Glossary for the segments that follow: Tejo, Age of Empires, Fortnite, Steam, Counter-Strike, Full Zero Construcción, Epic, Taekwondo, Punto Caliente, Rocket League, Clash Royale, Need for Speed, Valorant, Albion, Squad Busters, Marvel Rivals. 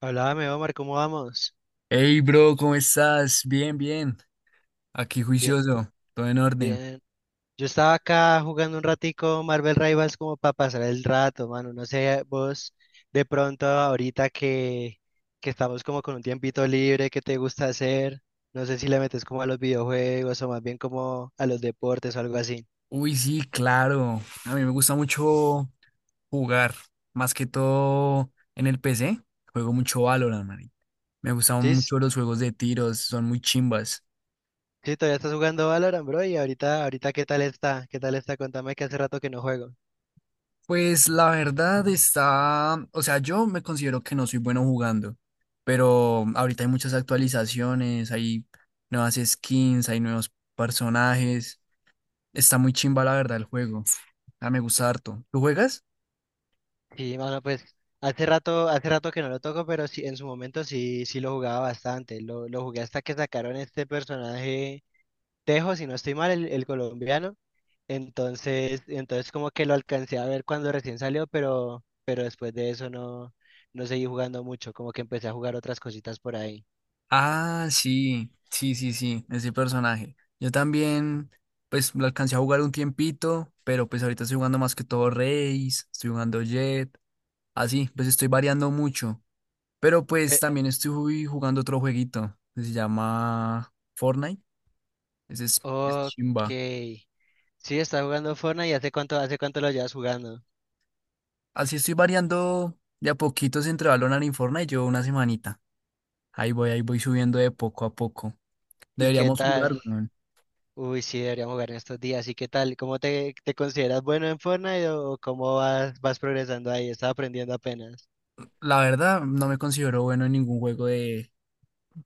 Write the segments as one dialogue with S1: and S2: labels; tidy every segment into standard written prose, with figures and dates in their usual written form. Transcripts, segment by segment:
S1: Háblame, Omar, ¿cómo vamos?
S2: Hey, bro, ¿cómo estás? Bien, bien. Aquí
S1: Bien,
S2: juicioso, todo en orden.
S1: bien. Yo estaba acá jugando un ratico Marvel Rivals como para pasar el rato, mano. No sé, vos de pronto ahorita que estamos como con un tiempito libre, ¿qué te gusta hacer? No sé si le metes como a los videojuegos o más bien como a los deportes o algo así.
S2: Uy, sí, claro. A mí me gusta mucho jugar, más que todo en el PC. Juego mucho Valorant, man. Me gustan
S1: Sí,
S2: mucho los juegos de tiros, son muy chimbas.
S1: sí, todavía estás jugando Valorant, bro, y ahorita ¿qué tal está? ¿Qué tal está? Contame que hace rato que no juego.
S2: Pues la verdad está, o sea, yo me considero que no soy bueno jugando, pero ahorita hay muchas actualizaciones, hay nuevas skins, hay nuevos personajes. Está muy chimba la verdad el juego. Ah, me gusta harto. ¿Lo juegas?
S1: Sí, mano, pues hace rato que no lo toco, pero sí, en su momento sí, sí lo jugaba bastante. Lo jugué hasta que sacaron este personaje Tejo, si no estoy mal, el colombiano. Entonces como que lo alcancé a ver cuando recién salió, pero después de eso no, no seguí jugando mucho, como que empecé a jugar otras cositas por ahí.
S2: Ah, sí, sí, sí, sí, ese personaje. Yo también, pues lo alcancé a jugar un tiempito, pero pues ahorita estoy jugando más que todo Reis, estoy jugando Jet, así, pues estoy variando mucho. Pero pues
S1: Pe-
S2: también estoy jugando otro jueguito que se llama Fortnite. Ese es
S1: ok.
S2: chimba.
S1: Sí, está jugando Fortnite y hace cuánto lo llevas jugando.
S2: Así estoy variando de a poquitos entre Valorant y Fortnite, yo una semanita. Ahí voy subiendo de poco a poco.
S1: ¿Y qué
S2: Deberíamos jugar,
S1: tal?
S2: weón.
S1: Uy, sí, deberíamos jugar en estos días. ¿Y qué tal? ¿Cómo te consideras bueno en Fortnite o cómo vas progresando ahí? Estás aprendiendo apenas.
S2: La verdad, no me considero bueno en ningún juego de,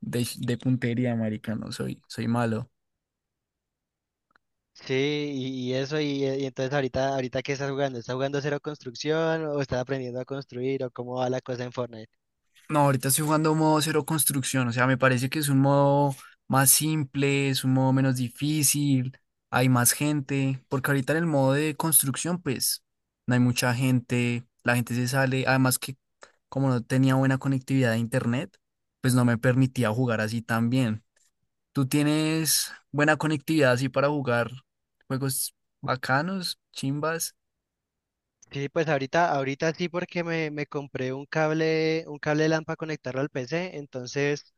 S2: de, de puntería, marica, soy malo.
S1: Sí, y eso, y entonces ahorita ¿qué estás jugando? ¿Estás jugando cero construcción o estás aprendiendo a construir o cómo va la cosa en Fortnite?
S2: No, ahorita estoy jugando modo cero construcción, o sea, me parece que es un modo más simple, es un modo menos difícil, hay más gente, porque ahorita en el modo de construcción, pues, no hay mucha gente, la gente se sale, además que como no tenía buena conectividad a internet, pues no me permitía jugar así tan bien. ¿Tú tienes buena conectividad así para jugar juegos bacanos, chimbas?
S1: Sí, pues ahorita sí porque me compré un cable LAN para conectarlo al PC, entonces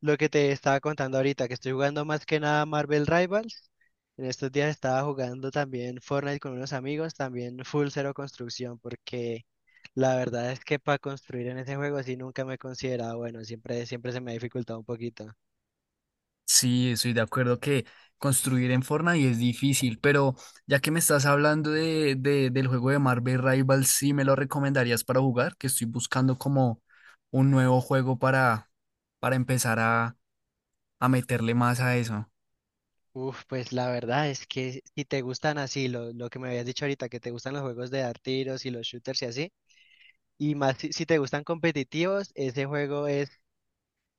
S1: lo que te estaba contando ahorita, que estoy jugando más que nada Marvel Rivals, en estos días estaba jugando también Fortnite con unos amigos, también Full Zero Construcción, porque la verdad es que para construir en ese juego sí nunca me he considerado bueno, siempre, siempre se me ha dificultado un poquito.
S2: Sí, estoy de acuerdo que construir en Fortnite es difícil, pero ya que me estás hablando del juego de Marvel Rivals. ¿Sí me lo recomendarías para jugar? Que estoy buscando como un nuevo juego para empezar a meterle más a eso.
S1: Uf, pues la verdad es que si te gustan así, lo que me habías dicho ahorita, que te gustan los juegos de dar tiros y los shooters y así. Y más si, si te gustan competitivos, ese juego es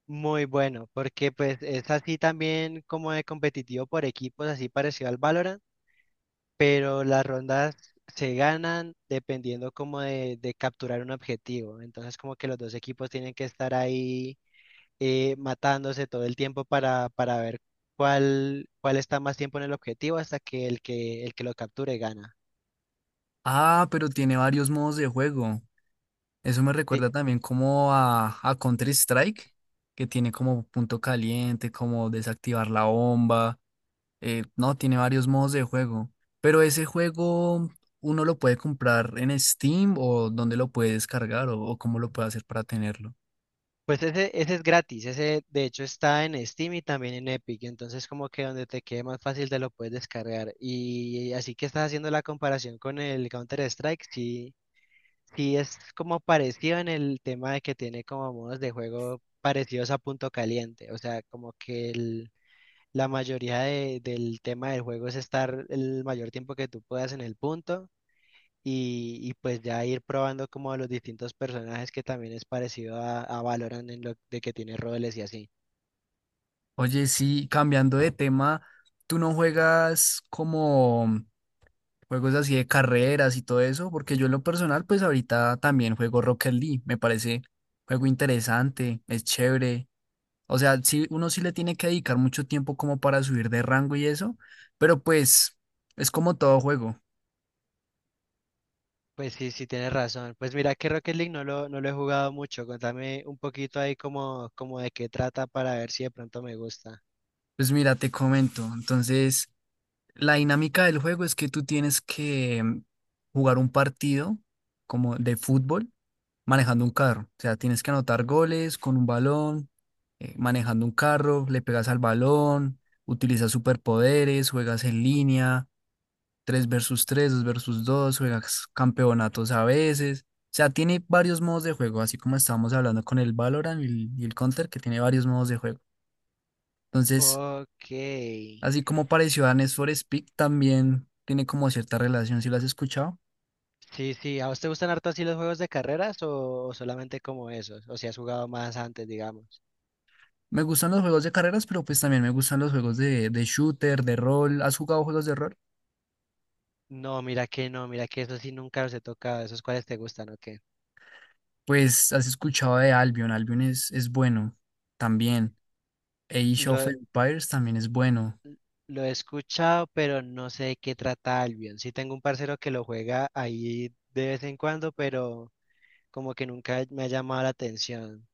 S1: muy bueno, porque pues es así también como de competitivo por equipos, así parecido al Valorant, pero las rondas se ganan dependiendo como de capturar un objetivo. Entonces como que los dos equipos tienen que estar ahí, matándose todo el tiempo para ver cuál está más tiempo en el objetivo hasta que el que lo capture gana.
S2: Ah, pero tiene varios modos de juego. Eso me
S1: Sí,
S2: recuerda también como a Counter-Strike, que tiene como punto caliente, como desactivar la bomba. No, tiene varios modos de juego. Pero ese juego uno lo puede comprar en Steam o dónde lo puede descargar o cómo lo puede hacer para tenerlo.
S1: pues ese es gratis, ese de hecho está en Steam y también en Epic, entonces como que donde te quede más fácil te lo puedes descargar. Y así que estás haciendo la comparación con el Counter-Strike, sí, sí es como parecido en el tema de que tiene como modos de juego parecidos a Punto Caliente, o sea, como que la mayoría del tema del juego es estar el mayor tiempo que tú puedas en el punto y pues ya ir probando como los distintos personajes que también es parecido a Valorant en lo de que tiene roles y así.
S2: Oye, sí, cambiando de tema, ¿tú no juegas como juegos así de carreras y todo eso? Porque yo en lo personal, pues ahorita también juego Rocket League. Me parece juego interesante, es chévere. O sea, sí, uno sí le tiene que dedicar mucho tiempo como para subir de rango y eso, pero pues es como todo juego.
S1: Pues sí, sí tienes razón. Pues mira que Rocket League no lo, no lo he jugado mucho. Contame un poquito ahí como de qué trata para ver si de pronto me gusta.
S2: Pues mira, te comento. Entonces, la dinámica del juego es que tú tienes que jugar un partido como de fútbol manejando un carro. O sea, tienes que anotar goles con un balón, manejando un carro, le pegas al balón, utilizas superpoderes, juegas en línea. Tres versus tres, 2 versus dos, juegas campeonatos a veces. O sea, tiene varios modos de juego, así como estábamos hablando con el Valorant y el Counter, que tiene varios modos de juego. Entonces,
S1: Ok.
S2: así como pareció a Need for Speed, también tiene como cierta relación, si lo has escuchado.
S1: Sí, sí. ¿A vos te gustan harto así los juegos de carreras o solamente como esos? O si has jugado más antes, digamos.
S2: Me gustan los juegos de carreras, pero pues también me gustan los juegos de shooter, de rol. ¿Has jugado juegos de rol?
S1: No, mira que no, mira que eso sí nunca los he tocado. ¿Esos cuáles te gustan o qué?
S2: Pues has escuchado de Albion. Albion es bueno también. Age of Empires también es bueno.
S1: Lo he escuchado, pero no sé de qué trata Albion. Sí tengo un parcero que lo juega ahí de vez en cuando, pero como que nunca me ha llamado la atención.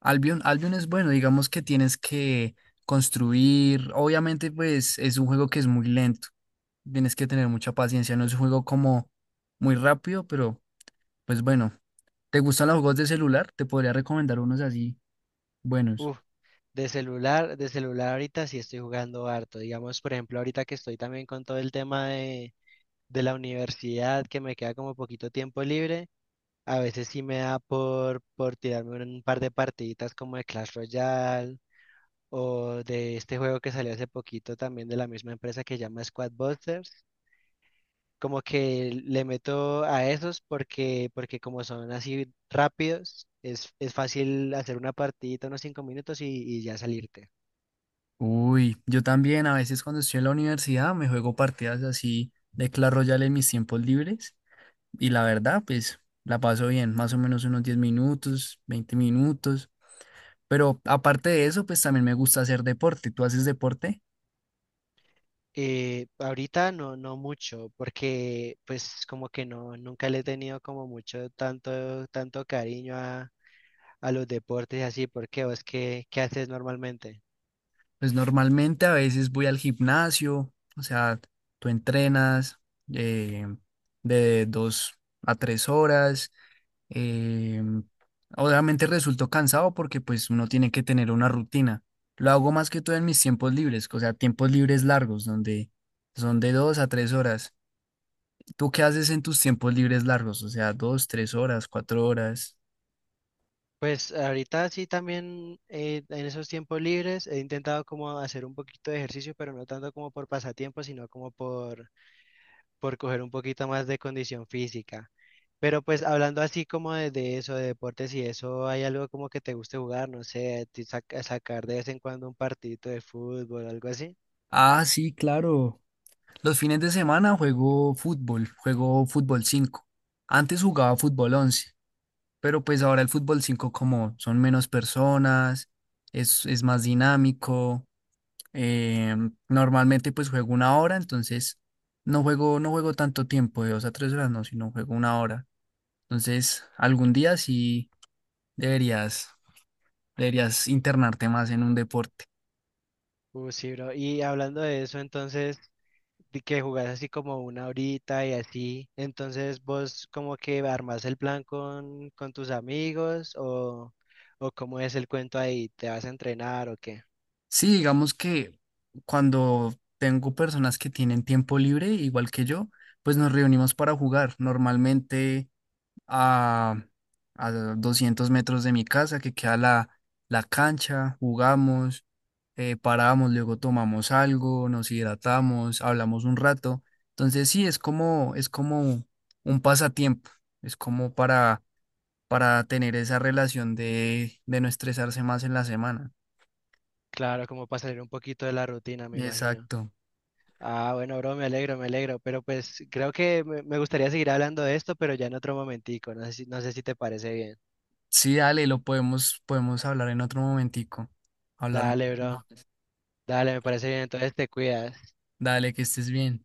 S2: Albion, Albion es bueno, digamos que tienes que construir, obviamente pues es un juego que es muy lento, tienes que tener mucha paciencia, no es un juego como muy rápido, pero pues bueno, ¿te gustan los juegos de celular? Te podría recomendar unos así buenos.
S1: Uf, de celular ahorita sí estoy jugando harto. Digamos, por ejemplo, ahorita que estoy también con todo el tema de la universidad, que me queda como poquito tiempo libre, a veces sí me da por tirarme un par de partiditas como de Clash Royale o de este juego que salió hace poquito también de la misma empresa que se llama Squad Busters como que le meto a esos porque, como son así rápidos, es fácil hacer una partidita unos 5 minutos y ya salirte.
S2: Uy, yo también a veces cuando estoy en la universidad me juego partidas así de Clash Royale en mis tiempos libres y la verdad pues la paso bien, más o menos unos 10 minutos, 20 minutos. Pero aparte de eso, pues también me gusta hacer deporte. ¿Tú haces deporte?
S1: Ahorita no, no mucho, porque pues como que no, nunca le he tenido como mucho tanto, cariño a los deportes y así, porque vos qué haces normalmente.
S2: Pues normalmente a veces voy al gimnasio, o sea, tú entrenas eh, de 2 a 3 horas. eh, Obviamente resulto cansado porque pues uno tiene que tener una rutina. Lo hago más que todo en mis tiempos libres, o sea, tiempos libres largos, donde son de 2 a 3 horas. ¿Tú qué haces en tus tiempos libres largos? O sea, 2, 3 horas, 4 horas.
S1: Pues ahorita sí también en esos tiempos libres he intentado como hacer un poquito de ejercicio, pero no tanto como por pasatiempo, sino como por coger un poquito más de condición física. Pero pues hablando así como de eso, de deportes y eso, ¿hay algo como que te guste jugar? No sé, sacar de vez en cuando un partidito de fútbol, algo así.
S2: Ah, sí, claro. Los fines de semana juego fútbol, juego fútbol 5. Antes jugaba fútbol 11, pero pues ahora el fútbol 5 como son menos personas, es más dinámico. eh, Normalmente pues juego una hora, entonces no juego tanto tiempo, de 2 a 3 horas, no, sino juego una hora. Entonces algún día sí deberías, deberías internarte más en un deporte.
S1: Sí, bro. Y hablando de eso, entonces, de que jugás así como una horita y así, entonces vos como que armás el plan con, tus amigos o cómo es el cuento ahí, ¿te vas a entrenar o qué?
S2: Sí, digamos que cuando tengo personas que tienen tiempo libre, igual que yo, pues nos reunimos para jugar. Normalmente a, a 200 metros de mi casa, que queda la cancha, jugamos, paramos, luego tomamos algo, nos hidratamos, hablamos un rato. Entonces sí, es como un pasatiempo, es como para, tener esa relación de no estresarse más en la semana.
S1: Claro, como para salir un poquito de la rutina, me imagino.
S2: Exacto.
S1: Ah, bueno, bro, me alegro, pero pues creo que me gustaría seguir hablando de esto, pero ya en otro momentico, no sé si te parece bien.
S2: Sí, dale, podemos hablar en otro momentico. Hablar un
S1: Dale,
S2: poquito
S1: bro,
S2: más.
S1: dale, me parece bien, entonces te cuidas.
S2: Dale, que estés bien.